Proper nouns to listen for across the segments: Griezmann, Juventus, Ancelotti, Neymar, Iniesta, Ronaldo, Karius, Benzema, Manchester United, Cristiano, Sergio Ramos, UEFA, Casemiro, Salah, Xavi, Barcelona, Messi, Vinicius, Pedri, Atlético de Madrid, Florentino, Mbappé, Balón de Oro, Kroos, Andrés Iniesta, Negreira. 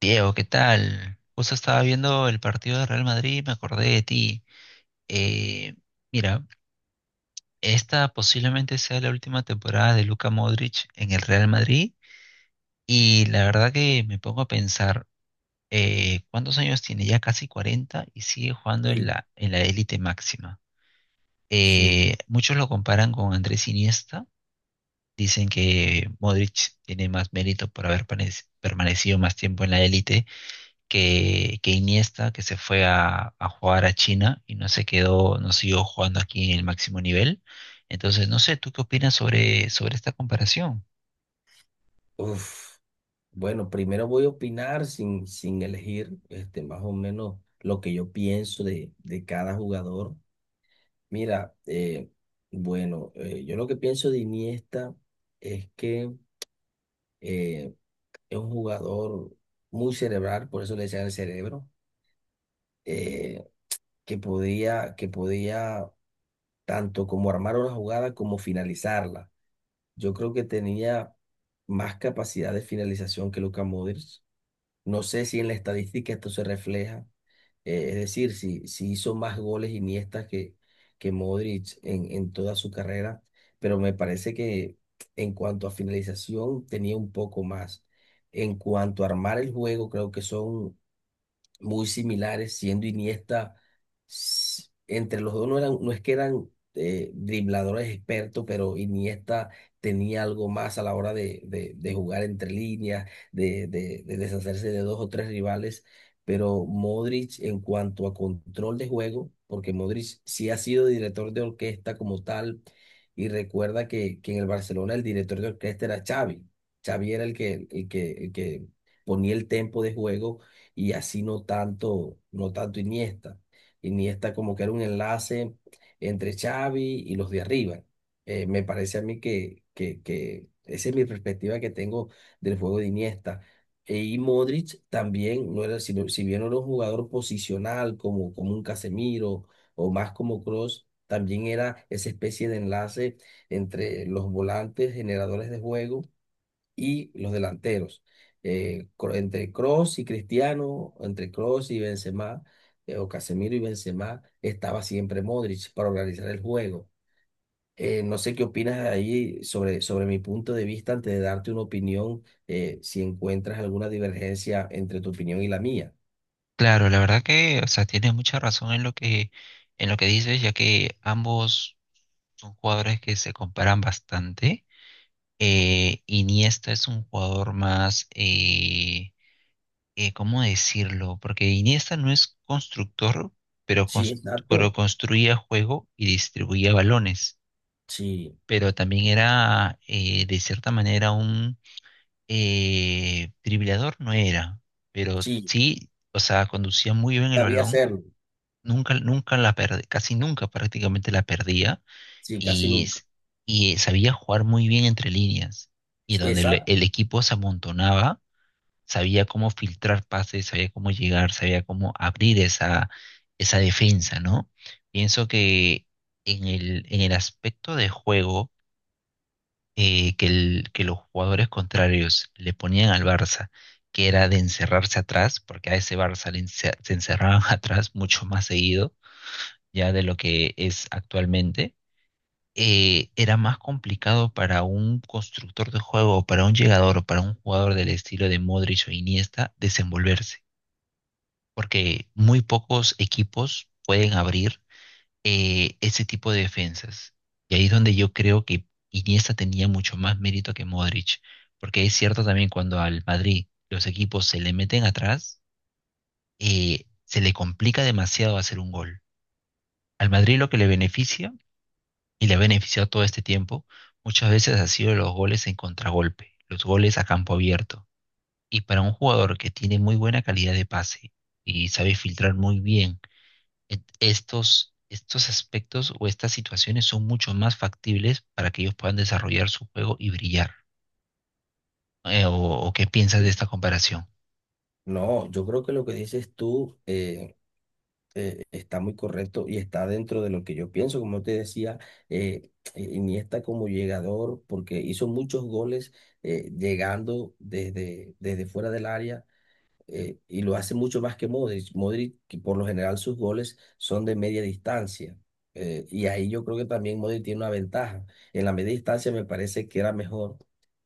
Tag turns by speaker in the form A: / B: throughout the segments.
A: Diego, ¿qué tal? Justo estaba viendo el partido de Real Madrid y me acordé de ti. Eh, mira, esta posiblemente sea la última temporada de Luka Modric en el Real Madrid y la verdad que me pongo a pensar, ¿cuántos años tiene? Ya casi 40 y sigue jugando en
B: Sí,
A: la élite máxima.
B: sí.
A: Muchos lo comparan con Andrés Iniesta, dicen que Modric tiene más mérito por permanecido más tiempo en la élite que Iniesta, que se fue a jugar a China y no se quedó, no siguió jugando aquí en el máximo nivel. Entonces, no sé, ¿tú qué opinas sobre esta comparación?
B: Uf. Bueno, primero voy a opinar sin elegir este, más o menos lo que yo pienso de cada jugador. Mira, bueno, yo lo que pienso de Iniesta es que eh, es un jugador muy cerebral, por eso le decían el cerebro, eh, que podía tanto como armar una jugada como finalizarla. Yo creo que tenía más capacidad de finalización que Luka Modric. No sé si en la estadística esto se refleja, es decir, si hizo más goles Iniesta que Modric en toda su carrera, pero me parece que en cuanto a finalización tenía un poco más. En cuanto a armar el juego, creo que son muy similares, entre los dos no eran, no es que eran dribladores expertos, pero Iniesta tenía algo más a la hora de jugar entre líneas, de deshacerse de dos o tres rivales, pero Modric en cuanto a control de juego, porque Modric sí ha sido director de orquesta como tal, y recuerda que en el Barcelona el director de orquesta era Xavi. Xavi era el que ponía el tempo de juego y así no tanto, no tanto Iniesta. Iniesta como que era un enlace entre Xavi y los de arriba. Me parece a mí que esa es mi perspectiva que tengo del juego de Iniesta. Y Modric también, si bien no era un jugador posicional como un Casemiro o más como Kroos, también era esa especie de enlace entre los volantes generadores de juego y los delanteros. Entre Kroos y Cristiano, entre Kroos y Benzema, o Casemiro y Benzema, estaba siempre Modric para organizar el juego. No sé qué opinas ahí sobre mi punto de vista antes de darte una opinión, si encuentras alguna divergencia entre tu opinión y la mía.
A: Claro, la verdad que, o sea, tienes mucha razón en lo que dices, ya que ambos son jugadores que se comparan bastante. Iniesta es un jugador más, ¿cómo decirlo? Porque Iniesta no es constructor, pero,
B: Sí,
A: cons- pero
B: exacto.
A: construía juego y distribuía balones.
B: Sí,
A: Pero también era de cierta manera un dribleador, no era, pero
B: sí,
A: sí, o sea, conducía muy bien el
B: sabía
A: balón,
B: hacerlo.
A: nunca la perdía, casi nunca prácticamente la perdía
B: Sí, casi
A: y, s-
B: nunca.
A: y sabía jugar muy bien entre líneas y donde el,
B: Exacto.
A: el equipo se amontonaba, sabía cómo filtrar pases, sabía cómo llegar, sabía cómo abrir esa defensa, ¿no? Pienso que en el aspecto de juego, que los jugadores contrarios le ponían al Barça, que era de encerrarse atrás, porque a ese Barça se encerraban atrás mucho más seguido ya de lo que es actualmente, era más complicado para un constructor de juego, para un llegador o para un jugador del estilo de Modric o Iniesta desenvolverse, porque muy pocos equipos pueden abrir ese tipo de defensas. Y ahí es donde yo creo que Iniesta tenía mucho más mérito que Modric, porque es cierto también cuando al Madrid los equipos se le meten atrás, se le complica demasiado hacer un gol. Al Madrid lo que le beneficia, y le ha beneficiado todo este tiempo, muchas veces ha sido los goles en contragolpe, los goles a campo abierto. Y para un jugador que tiene muy buena calidad de pase y sabe filtrar muy bien estos aspectos o estas situaciones son mucho más factibles para que ellos puedan desarrollar su juego y brillar. Eh, o, ¿o qué piensas de esta comparación?
B: No, yo creo que lo que dices tú, está muy correcto y está dentro de lo que yo pienso. Como te decía, Iniesta como llegador, porque hizo muchos goles llegando desde fuera del área y lo hace mucho más que Modric. Modric, que por lo general sus goles son de media distancia. Y ahí yo creo que también Modric tiene una ventaja. En la media distancia me parece que era mejor.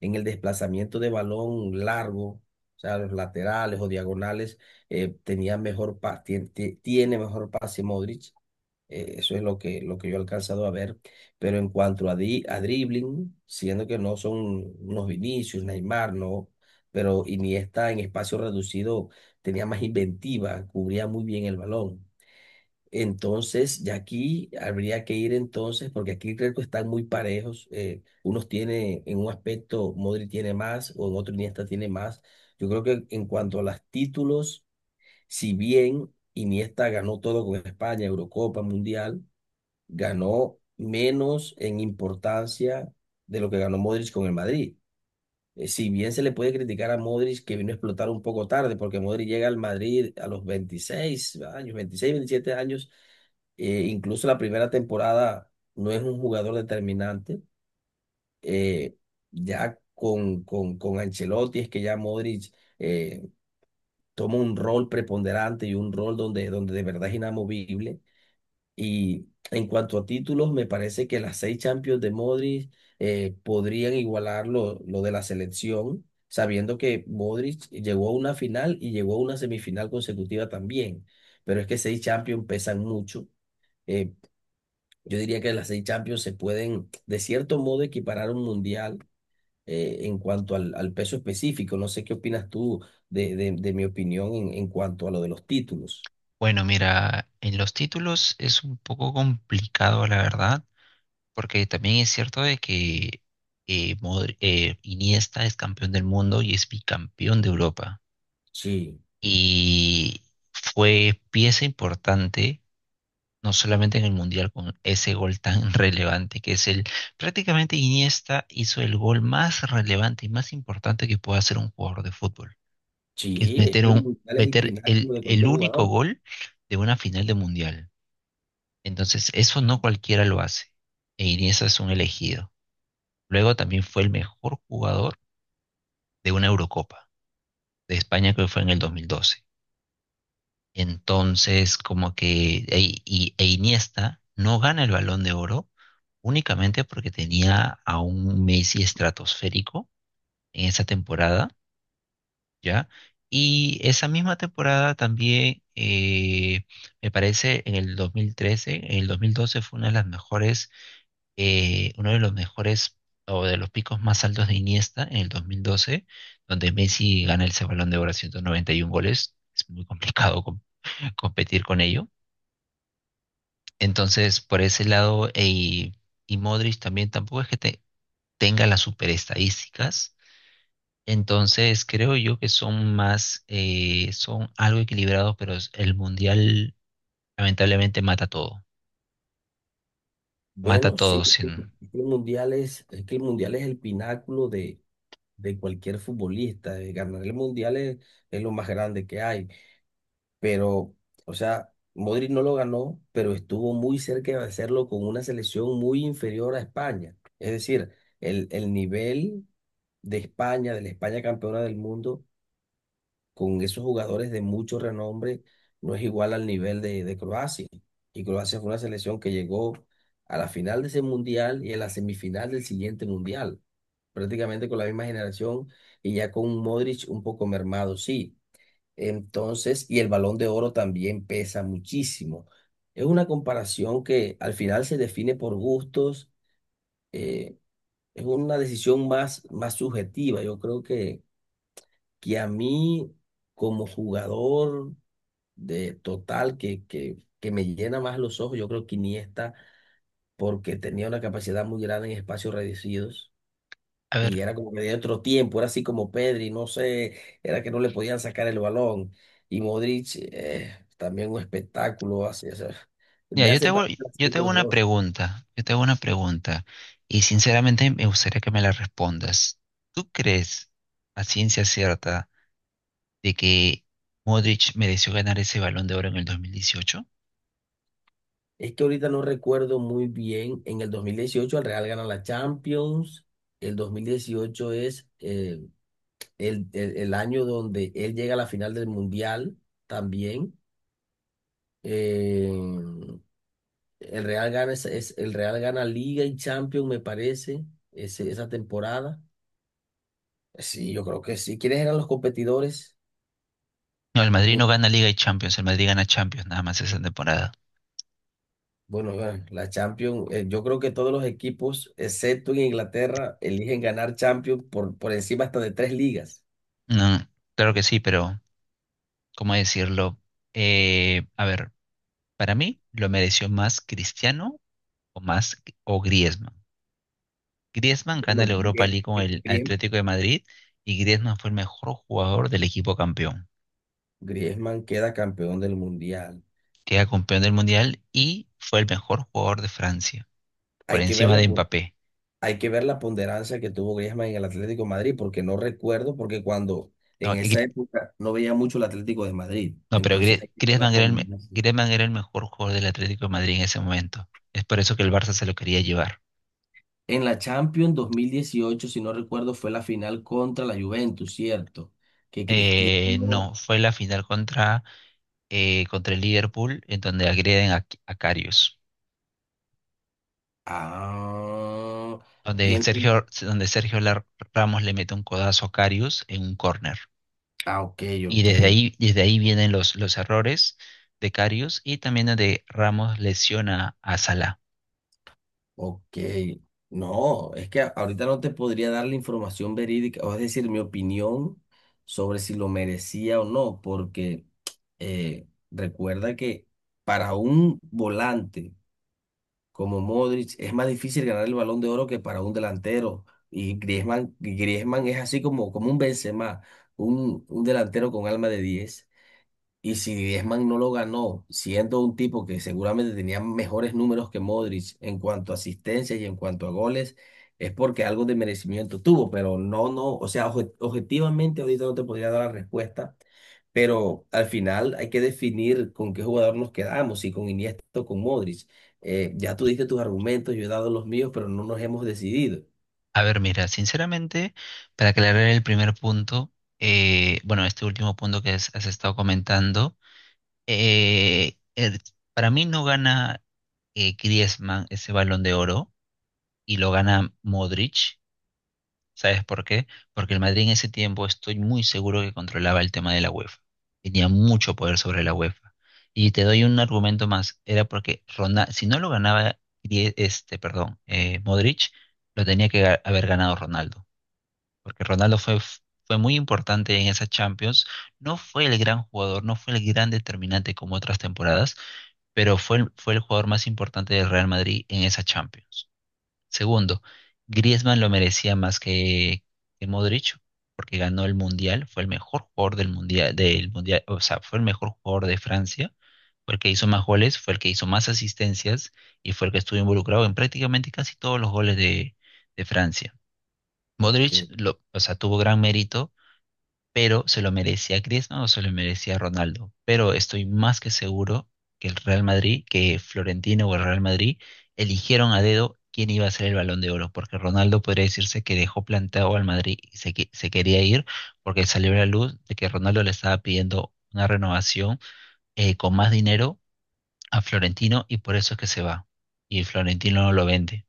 B: En el desplazamiento de balón largo, o sea, los laterales o diagonales, tenía mejor pa- tien- tie- tiene mejor pase Modric. Eso es lo que yo he alcanzado a ver. Pero en cuanto a dribbling, siendo que no son unos Vinicius, Neymar, no, pero Iniesta en espacio reducido tenía más inventiva, cubría muy bien el balón. Entonces, ya aquí habría que ir entonces, porque aquí creo que están muy parejos. Unos tiene, en un aspecto, Modri tiene más, o en otro Iniesta tiene más. Yo creo que en cuanto a los títulos, si bien Iniesta ganó todo con España, Eurocopa, Mundial, ganó menos en importancia de lo que ganó Modric con el Madrid. Si bien se le puede criticar a Modric que vino a explotar un poco tarde, porque Modric llega al Madrid a los 26 años, 26, 27 años, incluso la primera temporada no es un jugador determinante. Eh, ya con Ancelotti es que ya Modric eh, toma un rol preponderante y un rol donde, de verdad es inamovible y en cuanto a títulos, me parece que las seis Champions de Modric podrían igualar lo de la selección, sabiendo que Modric llegó a una final y llegó a una semifinal consecutiva también. Pero es que seis Champions pesan mucho. Eh, yo diría que las seis Champions se pueden, de cierto modo, equiparar a un mundial en cuanto al peso específico. No sé qué opinas tú de mi opinión en cuanto a lo de los títulos.
A: Bueno, mira, en los títulos es un poco complicado, la verdad, porque también es cierto de que Iniesta es campeón del mundo y es bicampeón de Europa.
B: Sí, sí,
A: Y fue pieza importante no solamente en el Mundial, con ese gol tan relevante que es el, prácticamente Iniesta hizo el gol más relevante y más importante que puede hacer un jugador de fútbol, que es
B: sí, es que el mundial es el
A: meter
B: pináculo de
A: el
B: cualquier
A: único
B: jugador.
A: gol de una final de Mundial. Entonces, eso no cualquiera lo hace. E Iniesta es un elegido. Luego también fue el mejor jugador de una Eurocopa de España que fue en el 2012. Entonces, como que e, y- e Iniesta no gana el Balón de Oro únicamente porque tenía a un Messi estratosférico en esa temporada, ¿ya? Y esa misma temporada también, me parece, en el 2012 fue una de las mejores, uno de los mejores o de los picos más altos de Iniesta en el 2012, donde Messi gana ese Balón de Oro a 191 goles. Es muy complicado competir con ello. Entonces, por ese lado, y Modric también tampoco es que tenga las super estadísticas. Entonces, creo yo que son más, son algo equilibrados, pero el mundial lamentablemente mata todo. Mata
B: Bueno, sí,
A: todo
B: es que
A: sin...
B: es que es que el mundial es el pináculo de cualquier futbolista. Ganar el mundial es lo más grande que hay. Pero, o sea, Modric no lo ganó, pero estuvo muy cerca de hacerlo con una selección muy inferior a España. Es decir, el nivel de España, de la España campeona del mundo, con esos jugadores de mucho renombre no es igual al nivel de Croacia. Y Croacia fue una selección que llegó a la final de ese mundial y a la semifinal del siguiente mundial, prácticamente con la misma generación y ya con un Modric un poco mermado, sí. Entonces, y el Balón de Oro también pesa muchísimo. Es una comparación que al final se define por gustos, eh, es una decisión más subjetiva. Yo creo que, a mí como jugador de total que me llena más los ojos. Yo creo que Iniesta, porque tenía una capacidad muy grande en espacios reducidos
A: A
B: y
A: ver,
B: era como que de otro tiempo, era así como Pedri, no sé, era que no le podían sacar el balón. Y Modric, también un espectáculo, así, o sea,
A: ya,
B: me hace
A: yo
B: partir
A: te hago
B: los
A: una
B: dos.
A: pregunta. Yo te hago una pregunta. Y sinceramente me gustaría que me la respondas. ¿Tú crees, a ciencia cierta, de que Modric mereció ganar ese Balón de Oro en el 2018?
B: Es que ahorita no recuerdo muy bien, en el 2018 el Real gana la Champions. El 2018 es el año donde él llega a la final del Mundial también. Eh, el Real gana, el Real gana Liga y Champions, me parece, esa temporada. Sí, yo creo que sí. ¿Quiénes eran los competidores?
A: No, el Madrid no
B: Mi-
A: gana Liga y Champions, el Madrid gana Champions nada más esa temporada.
B: Bueno, bueno, la Champions, yo creo que todos los equipos, excepto en Inglaterra, eligen ganar Champions por encima hasta de tres ligas.
A: No, claro que sí, pero ¿cómo decirlo? A ver, para mí lo mereció más Cristiano o más o Griezmann. Griezmann gana
B: Bueno,
A: la Europa
B: bien,
A: League con el
B: bien.
A: Atlético de Madrid y Griezmann fue el mejor jugador del equipo campeón.
B: Griezmann queda campeón del Mundial.
A: Queda campeón del Mundial y fue el mejor jugador de Francia, por
B: Hay que
A: encima
B: verla
A: de Mbappé.
B: Hay que ver la ponderancia que tuvo Griezmann en el Atlético de Madrid, porque no recuerdo, porque cuando
A: No,
B: en
A: Gri-
B: esa época no veía mucho el Atlético de Madrid.
A: No, pero
B: Entonces hay que ver la ponderancia.
A: Griezmann era el mejor jugador del Atlético de Madrid en ese momento. Es por eso que el Barça se lo quería llevar.
B: En la Champions 2018, si no recuerdo, fue la final contra la Juventus, ¿cierto? Que Cristiano.
A: No, fue la final contra el Liverpool, en donde agreden a Karius.
B: Ah, y en- en-
A: Donde Ramos le mete un codazo a Karius en un córner.
B: ok,
A: Y
B: ok,
A: desde ahí vienen los errores de Karius y también donde Ramos lesiona a Salah.
B: ok, no, es que ahorita no te podría dar la información verídica, o es decir, mi opinión sobre si lo merecía o no, porque recuerda que para un volante como Modric es más difícil ganar el Balón de Oro que para un delantero, y Griezmann es así como un Benzema, un delantero con alma de 10. Y si Griezmann no lo ganó, siendo un tipo que seguramente tenía mejores números que Modric en cuanto a asistencias y en cuanto a goles, es porque algo de merecimiento tuvo, pero no, no, o sea, objetivamente ahorita no te podría dar la respuesta, pero al final hay que definir con qué jugador nos quedamos, si con Iniesta o con Modric. Ya tú diste tus argumentos, yo he dado los míos, pero no nos hemos decidido.
A: A ver, mira, sinceramente, para aclarar el primer punto, bueno, este último punto que has estado comentando, eh, el- para mí no gana Griezmann ese Balón de Oro y lo gana Modric. ¿Sabes por qué? Porque el Madrid en ese tiempo estoy muy seguro que controlaba el tema de la UEFA. Tenía mucho poder sobre la UEFA. Y te doy un argumento más, era porque Ronaldo, si no lo ganaba, Modric, lo tenía que haber ganado Ronaldo porque fue muy importante en esa Champions. No fue el gran jugador, no fue el gran determinante como otras temporadas, pero fue el jugador más importante del Real Madrid en esa Champions. Segundo, Griezmann lo merecía más que Modric, porque ganó el Mundial, fue el mejor jugador del Mundial, o sea, fue el mejor jugador de Francia. Fue el que hizo más goles, fue el que hizo más asistencias y fue el que estuvo involucrado en prácticamente casi todos los goles de Francia. Modric
B: Ok.
A: o sea, tuvo gran mérito, pero se lo merecía Griezmann o se lo merecía Ronaldo. Pero estoy más que seguro que el Real Madrid, que Florentino o el Real Madrid eligieron a dedo quién iba a ser el Balón de Oro, porque Ronaldo podría decirse que dejó plantado al Madrid y se quería ir porque salió a la luz de que Ronaldo le estaba pidiendo una renovación con más dinero a Florentino y por eso es que se va. Y Florentino no lo vende.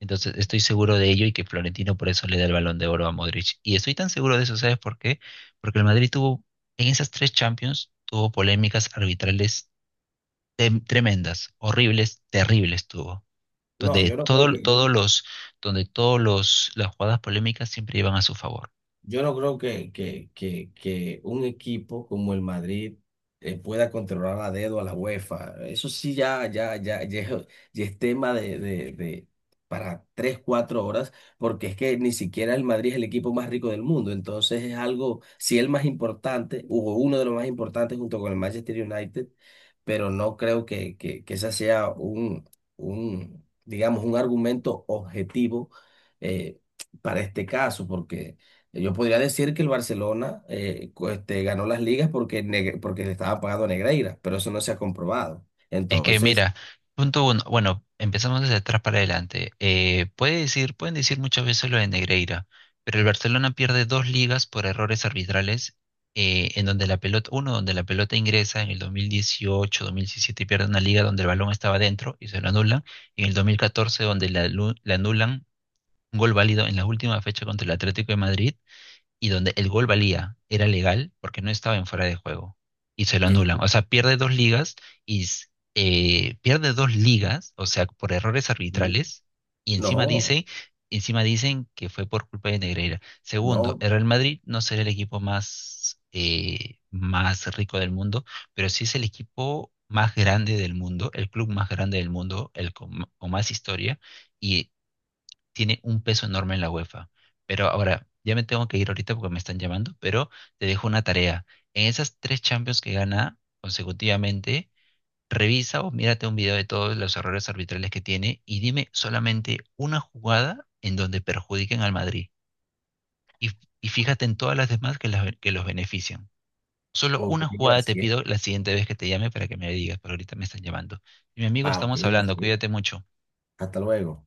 A: Entonces estoy seguro de ello y que Florentino por eso le da el Balón de Oro a Modric. Y estoy tan seguro de eso, ¿sabes por qué? Porque en esas tres Champions, tuvo polémicas arbitrales tremendas, horribles, terribles tuvo,
B: No,
A: donde todo, todos los, donde todos los, las jugadas polémicas siempre iban a su favor.
B: yo no creo que un equipo como el Madrid pueda controlar a dedo a la UEFA. Eso sí, ya, ya, ya, ya, es ya es tema de para 3, 4 horas, porque es que ni siquiera el Madrid es el equipo más rico del mundo. Entonces es algo, sí, el más importante, hubo uno de los más importantes junto con el Manchester United, pero no creo que ese sea digamos, un argumento objetivo eh, para este caso, porque. Yo podría decir que el Barcelona ganó las ligas porque le estaba pagando a Negreira, pero eso no se ha comprobado.
A: Es que
B: Entonces,
A: mira, punto uno, bueno, empezamos desde atrás para adelante. Pueden decir muchas veces lo de Negreira, pero el Barcelona pierde dos ligas por errores arbitrales, en donde la pelota, uno, donde la pelota ingresa en el 2018, 2017 y pierde una liga donde el balón estaba dentro y se lo anulan, y en el 2014 donde le anulan un gol válido en la última fecha contra el Atlético de Madrid y donde el gol valía, era legal porque no estaba en fuera de juego y se lo
B: en-
A: anulan. O sea, pierde dos ligas y s- pierde dos ligas, o sea, por errores arbitrales y
B: no,
A: encima dicen que fue por culpa de Negreira. Segundo,
B: no,
A: el Real Madrid no será el equipo más, más rico del mundo, pero sí es el equipo más grande del mundo, el club más grande del mundo, el con más historia y tiene un peso enorme en la UEFA. Pero ahora, ya me tengo que ir ahorita porque me están llamando, pero te dejo una tarea. En esas tres Champions que gana consecutivamente, revisa o mírate un video de todos los errores arbitrales que tiene y dime solamente una jugada en donde perjudiquen al Madrid. Y, y fíjate en todas las demás que los benefician. Solo
B: ok,
A: una jugada te
B: gracias.
A: pido la siguiente vez que te llame para que me digas, pero ahorita me están llamando. Y mi amigo,
B: Ah, ok,
A: estamos hablando,
B: gracias.
A: cuídate mucho.
B: Hasta luego.